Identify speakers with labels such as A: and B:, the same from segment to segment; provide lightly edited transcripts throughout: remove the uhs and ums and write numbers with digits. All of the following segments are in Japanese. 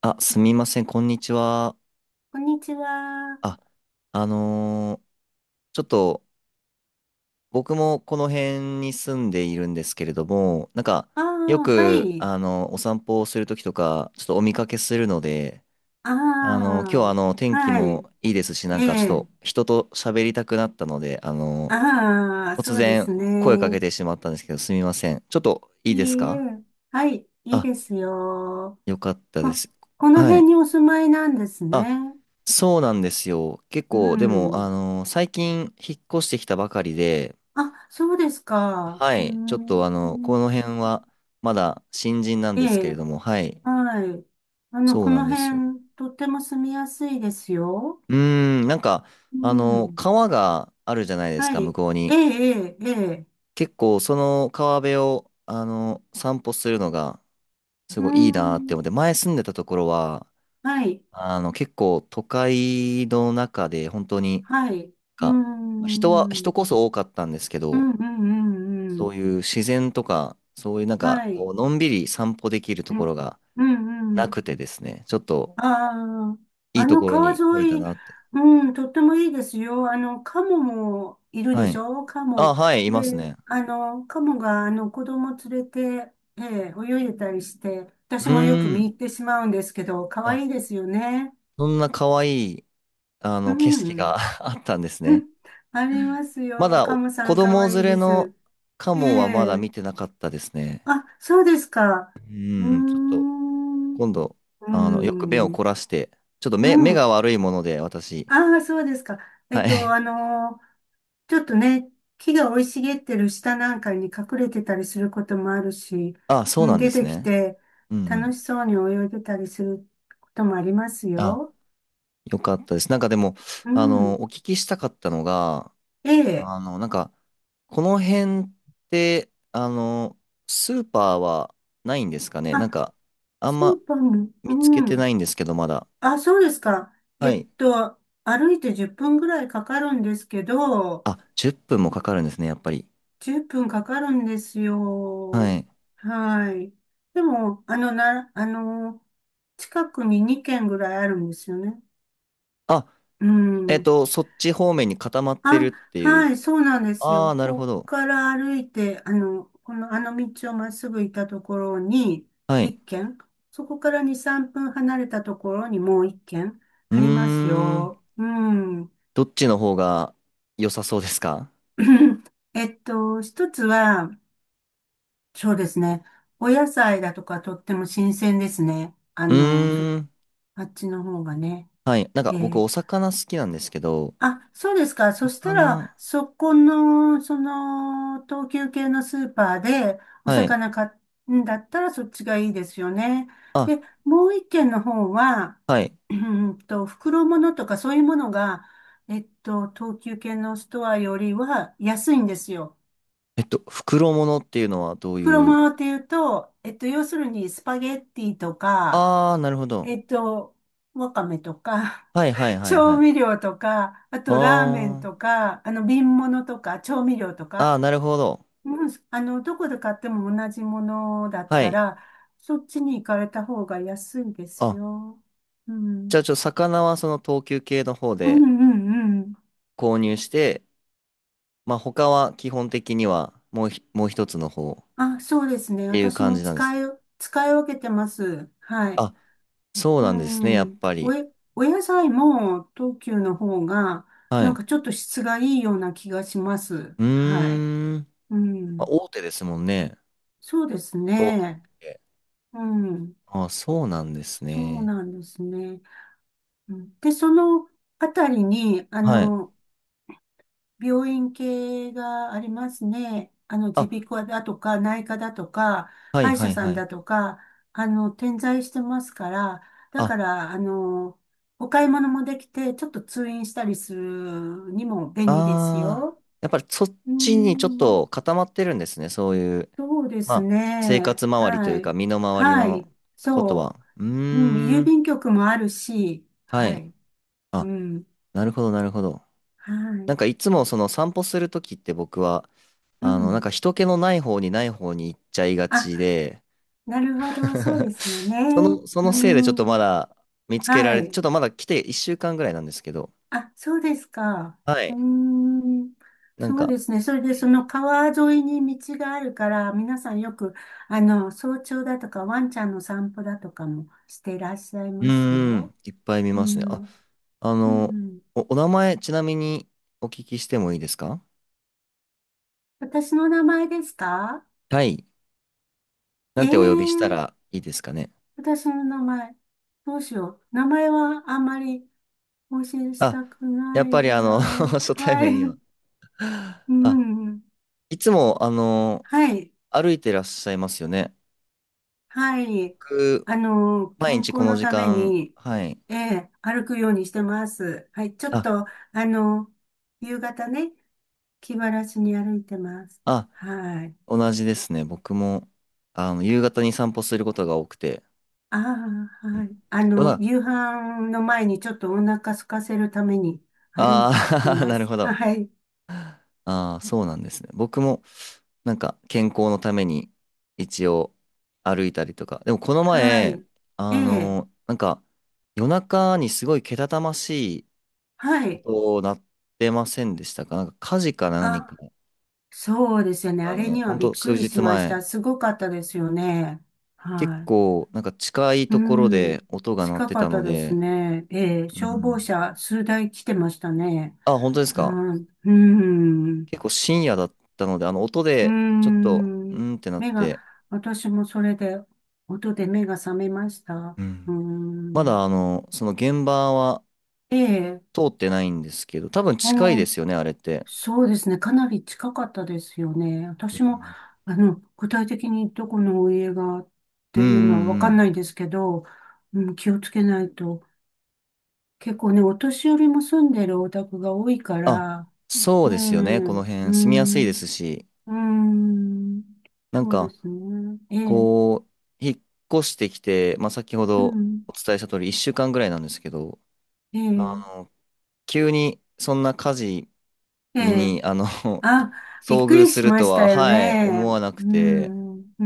A: あ、すみません、こんにちは。
B: こんにちは。
A: あ、あのーちょっと僕もこの辺に住んでいるんですけれども、なんか
B: あ
A: よ
B: あ、は
A: く、
B: い。
A: お散歩をするときとか、ちょっとお見かけするので、
B: あ
A: 今日は
B: あ、
A: 天気
B: はい。
A: もいいですし、なん
B: え
A: かちょっ
B: え。
A: と人と喋りたくなったので、
B: ああ、
A: 突
B: そうで
A: 然
B: す
A: 声かけ
B: ね。
A: てしまったんですけど、すみません。ちょっといいです
B: いい
A: か？
B: え。はい。いい
A: あ、
B: ですよ。
A: よかった
B: こ、
A: です。
B: この
A: は
B: 辺
A: い。
B: にお住まいなんです
A: あ、
B: ね。
A: そうなんですよ。結
B: う
A: 構、でも、
B: ん。
A: 最近引っ越してきたばかりで、
B: あ、そうですか。
A: は
B: うー
A: い、ちょっとこ
B: ん。
A: の辺はまだ新人なん
B: え
A: ですけれ
B: え。
A: ども、はい、
B: はい。あの、
A: そう
B: こ
A: なん
B: の
A: ですよ。
B: 辺、とっても住みやすいですよ。
A: うーなんか、あ
B: う
A: の、
B: ん。
A: 川があるじゃないです
B: は
A: か、向
B: い。
A: こう
B: ええ、
A: に。
B: ええ、ええ。
A: 結構、その川辺を、散歩するのが、す
B: うー
A: ごいいいなって
B: ん。
A: 思って、前住んでたところは、
B: はい。
A: 結構都会の中で、本当に、
B: はい。う
A: か人は、
B: ん、う
A: 人
B: ん、
A: こそ多かったんですけ
B: う
A: ど、
B: ん、うん、う
A: そう
B: ん。
A: いう自然とか、そういうなんか、
B: は
A: こ
B: い。
A: う、のんびり散歩できると
B: う
A: こ
B: ん、
A: ろが
B: うん、う
A: な
B: ん。
A: くてですね、ちょっと
B: ああ、
A: いい
B: あ
A: と
B: の
A: ころ
B: 川
A: に来れた
B: 沿い、
A: なって。
B: うん、とってもいいですよ。あの、カモもいるで
A: は
B: し
A: い。
B: ょ？カ
A: あ、
B: モ。
A: はい、います
B: で、
A: ね。
B: あの、カモが、あの、子供連れて、え泳いでたりして、
A: う
B: 私もよく
A: ー
B: 見
A: ん。
B: 入ってしまうんですけど、可
A: あ、
B: 愛いですよね。
A: そんな可愛い、景
B: う
A: 色が
B: ん。
A: あったんですね。
B: あります
A: ま
B: よ。
A: だ、
B: カ
A: お
B: モさ
A: 子
B: ん可
A: 供
B: 愛
A: 連
B: い
A: れ
B: で
A: の
B: す。
A: カ
B: え
A: モはまだ
B: え。
A: 見てなかったですね。
B: あ、そうですか。うー
A: ちょっと、
B: ん。う
A: 今度、
B: ー
A: よく目を
B: ん。
A: 凝らして、ちょっと
B: う
A: 目
B: ん。
A: が悪いもので、私。
B: ああ、そうですか。え
A: は
B: っと、
A: い。
B: あのーちょっとね、木が生い茂ってる下なんかに隠れてたりすることもあるし、
A: あ、そ
B: う
A: う
B: ん、
A: なんで
B: 出
A: す
B: てき
A: ね。
B: て
A: うんう
B: 楽
A: ん。
B: しそうに泳いでたりすることもあります
A: あ、
B: よ。
A: よかったです。なんかでも、
B: うん。
A: お聞きしたかったのが、
B: ええ。
A: なんか、この辺って、スーパーはないんですかね？な
B: あ、
A: んか、あん
B: スー
A: ま
B: パーも、
A: 見つけ
B: う
A: て
B: ん。
A: ないんですけど、まだ。
B: あ、そうですか。え
A: は
B: っ
A: い。
B: と、歩いて10分ぐらいかかるんですけど、
A: あ、10分もかかるんですね、やっぱり。
B: 10分かかるんです
A: は
B: よ。
A: い。
B: はい。でも、あの、な、あの、近くに2軒ぐらいあるんですよね。
A: あ、
B: うん。
A: そっち方面に固まってる
B: あ、
A: ってい
B: は
A: う。
B: い、そうなんです
A: あ
B: よ。
A: あ、なる
B: こ
A: ほ
B: こ
A: ど。
B: から歩いて、あの道をまっすぐ行ったところに
A: はい。
B: 1軒、そこから2、3分離れたところにもう1軒
A: うー
B: あります
A: ん。
B: よ。うん。
A: どっちの方が良さそうですか？
B: 一つは、そうですね。お野菜だとかとっても新鮮ですね。
A: うーん。
B: あっちの方がね。
A: はい。なん
B: え
A: か僕、
B: え。
A: お魚好きなんですけど、
B: あ、そうですか。そした
A: か
B: ら、
A: な。
B: そこの、その、東急系のスーパーでお
A: はい。
B: 魚買うんだったらそっちがいいですよね。
A: あ、
B: で、もう一軒の方は、
A: はい。
B: 袋物とかそういうものが、東急系のストアよりは安いんですよ。
A: 袋物っていうのはどう
B: 袋
A: いう。
B: 物っていうと、要するにスパゲッティとか、
A: ああー、なるほど。
B: えっと、わかめとか、
A: はいはい はいは
B: 調
A: い。
B: 味料とか、あとラーメン
A: あ
B: とか、あの瓶物とか、調味料と
A: あ、
B: か、
A: ああ、なるほど。
B: うん、どこで買っても同じものだっ
A: は
B: た
A: い。
B: ら、そっちに行かれた方が安いです
A: あ、
B: よ。う
A: じ
B: ん。
A: ゃあ魚はその等級系の方
B: うん
A: で
B: うんうん。
A: 購入して、まあ他は基本的にはもう一つの方っ
B: あ、そうですね。
A: ていう
B: 私
A: 感
B: も
A: じなんです。
B: 使い分けてます。はい。
A: あ、そう
B: う
A: なんですね、やっ
B: ん。
A: ぱ
B: お
A: り。
B: え、お野菜も東急の方が、
A: は
B: なん
A: い。
B: かちょっと質がいいような気がします。
A: う
B: はい。
A: ーん。
B: う
A: まあ、
B: ん。
A: 大手ですもんね。
B: そうです
A: 等級
B: ね。
A: 系。
B: うん。
A: あ、そうなんです
B: そう
A: ね。
B: なんですね。うんで、そのあたりに、
A: はい。
B: 病院系がありますね。
A: あ、
B: 耳鼻科だとか、内科だとか、
A: はい
B: 歯医
A: は
B: 者
A: い
B: さ
A: は
B: ん
A: い。
B: だとか、点在してますから、だ
A: あ、
B: から、お買い物もできて、ちょっと通院したりするにも便利です
A: あ
B: よ。
A: ー、やっぱりそっ
B: うー
A: ちにちょっ
B: ん。
A: と固まってるんですね。そういう、
B: そうで
A: ま
B: す
A: あ、生
B: ね。
A: 活周りとい
B: は
A: うか、
B: い。
A: 身の回り
B: はい。
A: のこと
B: そ
A: は。う
B: う。うん、
A: ー
B: 郵
A: ん、
B: 便局もあるし、
A: は
B: は
A: い。
B: い。う
A: あ、
B: ん。
A: なるほど、なるほど。
B: は
A: な
B: い。
A: んかいつもその散歩するときって僕は、
B: う
A: なん
B: ん。
A: か人気のない方に行っちゃいが
B: あ、
A: ちで、
B: なるほど。そうで すよね。
A: その、そ
B: う
A: のせいで
B: ん。は
A: ち
B: い。
A: ょっとまだ来て1週間ぐらいなんですけど、
B: あ、そうですか。
A: は
B: うー
A: い。
B: ん。
A: なん
B: そう
A: か、
B: ですね。それで、その川沿いに道があるから、皆さんよく、早朝だとか、ワンちゃんの散歩だとかもしていらっしゃい
A: う
B: ます
A: ー
B: よ。
A: いっぱい見
B: う
A: ますね。あ
B: ん。
A: あ
B: う
A: の、
B: ん。
A: お名前、ちなみにお聞きしてもいいですか？
B: 私の名前ですか？
A: はい。な
B: え
A: ん
B: え。
A: てお呼びしたらいいですかね。
B: 私の名前、どうしよう。名前はあんまり更新し
A: あ、
B: たく
A: や
B: な
A: っ
B: い
A: ぱり
B: な。
A: 初対
B: はい。
A: 面には。
B: う
A: あ、
B: ん。
A: いつも、
B: はい。
A: 歩いてらっしゃいますよね。
B: はい。
A: 僕、毎
B: 健
A: 日こ
B: 康
A: の
B: の
A: 時
B: ため
A: 間、
B: に、
A: はい。
B: 歩くようにしてます。はい。ちょっ
A: あ、
B: と、あの、夕方ね、気晴らしに歩いてます。
A: あ、
B: はい。
A: 同じですね。僕も、夕方に散歩することが多くて。
B: ああ、
A: うん。
B: はい。夕飯の前にちょっとお腹空かせるために歩い
A: あ
B: て
A: ああー、
B: ま
A: なる
B: す。
A: ほど。
B: はい。
A: ああ、そうなんですね。僕も、なんか、健康のために、一応、歩いたりとか。でも、この
B: は
A: 前、
B: い。ええ。
A: なんか、夜中にすごいけたたましい
B: はい。
A: 音鳴ってませんでしたか？なんか、火事か何か
B: あ、そうですよね。あ
A: が
B: れ
A: ね、
B: に
A: ほ
B: は
A: ん
B: びっ
A: と
B: く
A: 数
B: りし
A: 日
B: まし
A: 前、
B: た。すごかったですよね。
A: 結
B: は
A: 構、なんか近い
B: い。う
A: ところ
B: ん。
A: で音が鳴っ
B: 近
A: て
B: か
A: た
B: っ
A: の
B: たです
A: で、
B: ね。ええ、
A: う
B: 消防
A: ん。
B: 車数台来てましたね。
A: あ、本当ですか？
B: はい。うん。
A: 結構深夜だったので、音
B: う
A: で、ちょっと、う
B: ん。
A: んってなっ
B: 目が、
A: て、
B: 私もそれで、音で目が覚めました。
A: うん。
B: う
A: ま
B: ん。
A: だその現場は
B: ええ、
A: 通ってないんですけど、多分
B: う
A: 近いで
B: ん。
A: すよね、あれって。
B: そうですね。かなり近かったですよね。
A: う
B: 私も、
A: ん。
B: 具体的にどこのお家がっ
A: う
B: て
A: んう
B: いうのはわ
A: んう
B: かん
A: ん。
B: ないですけど、うん、気をつけないと。結構ね、お年寄りも住んでるお宅が多いか
A: あ、
B: ら、
A: そう
B: ね
A: で
B: え、
A: すよね。この
B: う
A: 辺住みやすいで
B: ん、
A: すし、
B: うん、
A: なん
B: そうで
A: か、
B: すね。ええ、
A: こう、引っ越してきて、まあ、先ほ
B: う
A: ど
B: ん、
A: お伝えした通り1週間ぐらいなんですけど、
B: え
A: あ
B: え、
A: の、急にそんな火事
B: ええ、
A: に、
B: あ、びっ
A: 遭
B: く
A: 遇
B: り
A: す
B: し
A: る
B: ま
A: と
B: した
A: は、
B: よ
A: はい、
B: ね。
A: 思わなく
B: う
A: て、
B: ん、う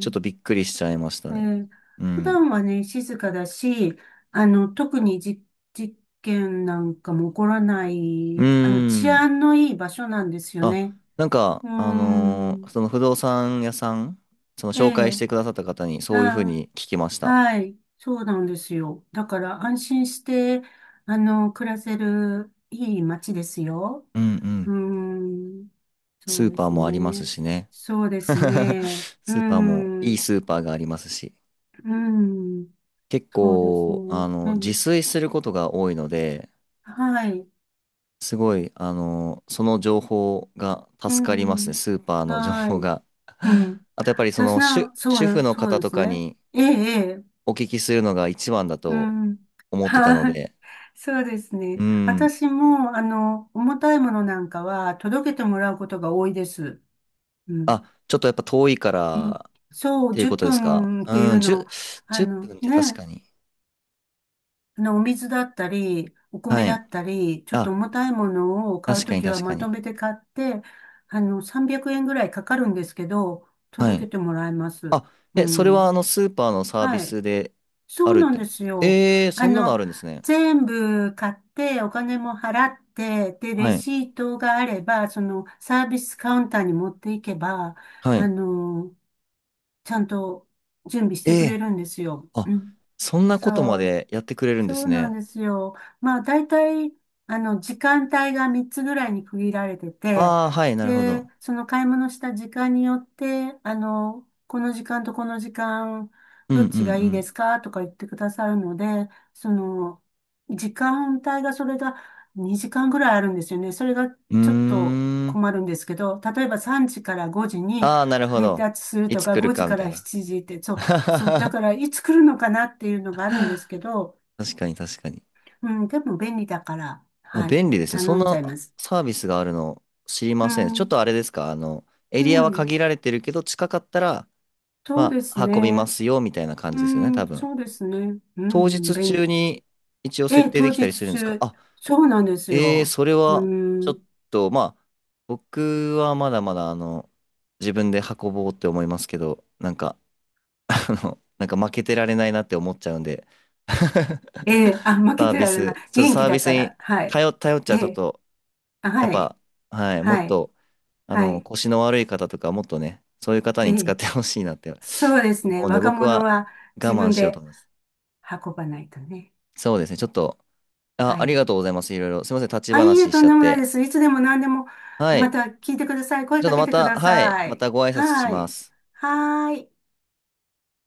A: ちょっとびっくりしちゃいました
B: え
A: ね。
B: ー
A: う
B: 普
A: ん。
B: 段はね、静かだし、特に事件なんかも起こらな
A: う
B: い、
A: ー
B: 治
A: ん。
B: 安のいい場所なんですよ
A: あ、
B: ね。
A: なんか、
B: うーん。
A: その不動産屋さん、その
B: え
A: 紹介し
B: え、
A: てくださった方にそういうふう
B: あ、
A: に聞きました。
B: はい。そうなんですよ。だから安心して、暮らせるいい街ですよ。
A: うんう
B: う
A: ん。
B: ーん。そ
A: ス
B: う
A: ー
B: で
A: パー
B: す
A: もあります
B: ね。
A: しね。
B: そうですね。うー
A: スーパーも、
B: ん。
A: いい
B: う
A: スーパーがありますし。
B: ーん。
A: 結
B: そうですね。
A: 構、
B: う
A: 自
B: ん。
A: 炊することが多いので、
B: はい。
A: すごい、その情報が
B: う
A: 助かりますね、
B: ん。
A: スーパーの情
B: は
A: 報
B: い。
A: が。
B: う ん。
A: あと、やっぱりそ
B: 私
A: の主、
B: な、そう
A: 主婦
B: な、
A: の
B: そ
A: 方
B: うで
A: と
B: す
A: か
B: ね。
A: に
B: ええ、ええ。
A: お聞きするのが一番だ
B: う
A: と
B: ん。
A: 思ってたの
B: はい。
A: で、
B: そうです
A: う
B: ね。
A: ん。
B: 私も、重たいものなんかは届けてもらうことが多いです。うん。
A: あ、ちょっとやっぱ遠いか
B: うん
A: らっ
B: そう、
A: ていう
B: 10
A: ことですか？
B: 分っぷんってい
A: う
B: う
A: ん、10、
B: の、あ
A: 分っ
B: の
A: ぷんって確か
B: ね、
A: に。
B: お水だったり、お米
A: は
B: だ
A: い。
B: ったり、ちょっと
A: あ、
B: 重たいものを買う
A: 確か
B: と
A: に
B: きは
A: 確か
B: まと
A: に。
B: めて買って、300円ぐらいかかるんですけど、
A: は
B: 届
A: い。
B: けてもらいます。
A: あ、
B: う
A: え、それはあ
B: ん。
A: のスーパーのサービ
B: はい。
A: スで
B: そ
A: あ
B: う
A: るっ
B: なん
A: てこ
B: で
A: とです
B: す
A: か？
B: よ。
A: えー、
B: あ
A: そんなの
B: の、
A: あるんですね。
B: 全部買ってお金も払って、で、レ
A: はい。
B: シートがあれば、そのサービスカウンターに持っていけば、
A: は
B: あ
A: い。
B: の、ちゃんと準備してくれ
A: え
B: るんですよ。
A: ー、あ、
B: うん。
A: そんなことま
B: そう。
A: でやってくれるんで
B: そう
A: す
B: なん
A: ね。
B: ですよ。まあ、大体、時間帯が3つぐらいに区切られてて、
A: ああ、はい、なるほ
B: で、
A: ど。
B: その買い物した時間によって、この時間とこの時間、
A: う
B: ど
A: んう
B: っちがいいです
A: ん
B: かとか言ってくださるので、その、時間帯がそれが2時間ぐらいあるんですよね。それが
A: う
B: ちょっと
A: ん。うーん。
B: 困るんですけど、例えば3時から5時に
A: ああ、なるほ
B: 配
A: ど。
B: 達する
A: い
B: と
A: つ
B: か、
A: 来る
B: 5時
A: かみ
B: か
A: たい
B: ら
A: な。
B: 7時って、そう、そう、だからいつ来るのかなっていうのがあるんですけど、
A: 確かに確かに。
B: うん、でも便利だから、
A: あ、
B: はい、
A: 便利ですね。そん
B: 頼んじゃ
A: な
B: います。
A: サービスがあるの知り
B: う
A: ません。ちょっ
B: ん、
A: とあれですか、エ
B: う
A: リアは
B: ん、
A: 限られてるけど、近かったら、
B: そう
A: ま
B: です
A: あ、運びま
B: ね。
A: すよ、みたいな感
B: う
A: じですよね、多
B: ん、
A: 分。
B: そうですね。うん、う
A: 当
B: ん、
A: 日
B: 便利。
A: 中に一応
B: え
A: 設
B: え、
A: 定で
B: 当
A: きた
B: 日
A: りするんですか？
B: 中。
A: あ、
B: そうなんです
A: えー、
B: よ。
A: それ
B: う
A: は、ちょっ
B: ん、
A: と、まあ、僕はまだまだ、自分で運ぼうって思いますけど、なんか、なんか負けてられないなって思っちゃうんで、
B: え え、あ、負け
A: サー
B: て
A: ビ
B: られ
A: ス、
B: ない。
A: ちょっと
B: 元
A: サ
B: 気
A: ービ
B: だ
A: ス
B: か
A: に
B: ら、はい。
A: 頼、頼っち
B: え
A: ゃちょっ
B: え、
A: と、
B: あ、
A: やっ
B: はい、
A: ぱ、はい、も
B: は
A: っ
B: い、
A: と、
B: はい。
A: 腰の悪い方とか、もっとね、そういう方
B: え
A: に使っ
B: え、
A: てほしいなって
B: そうです
A: 思
B: ね。
A: うんで、
B: 若
A: 僕
B: 者
A: は
B: は
A: 我
B: 自
A: 慢
B: 分
A: しようと
B: で
A: 思います。
B: 運ばないとね。
A: そうですね、ちょっと、あ、
B: は
A: あり
B: い。
A: がとうございます。いろいろ。すいません、立ち
B: あ、いいえ、
A: 話し
B: と
A: ち
B: ん
A: ゃっ
B: でもない
A: て。
B: です。いつでも何でも、
A: は
B: ま
A: い。
B: た聞いてください。
A: ち
B: 声
A: ょっ
B: か
A: と
B: け
A: ま
B: てく
A: た、
B: だ
A: はい、
B: さ
A: ま
B: い。
A: たご挨拶し
B: は
A: ま
B: い。
A: す。
B: はーい。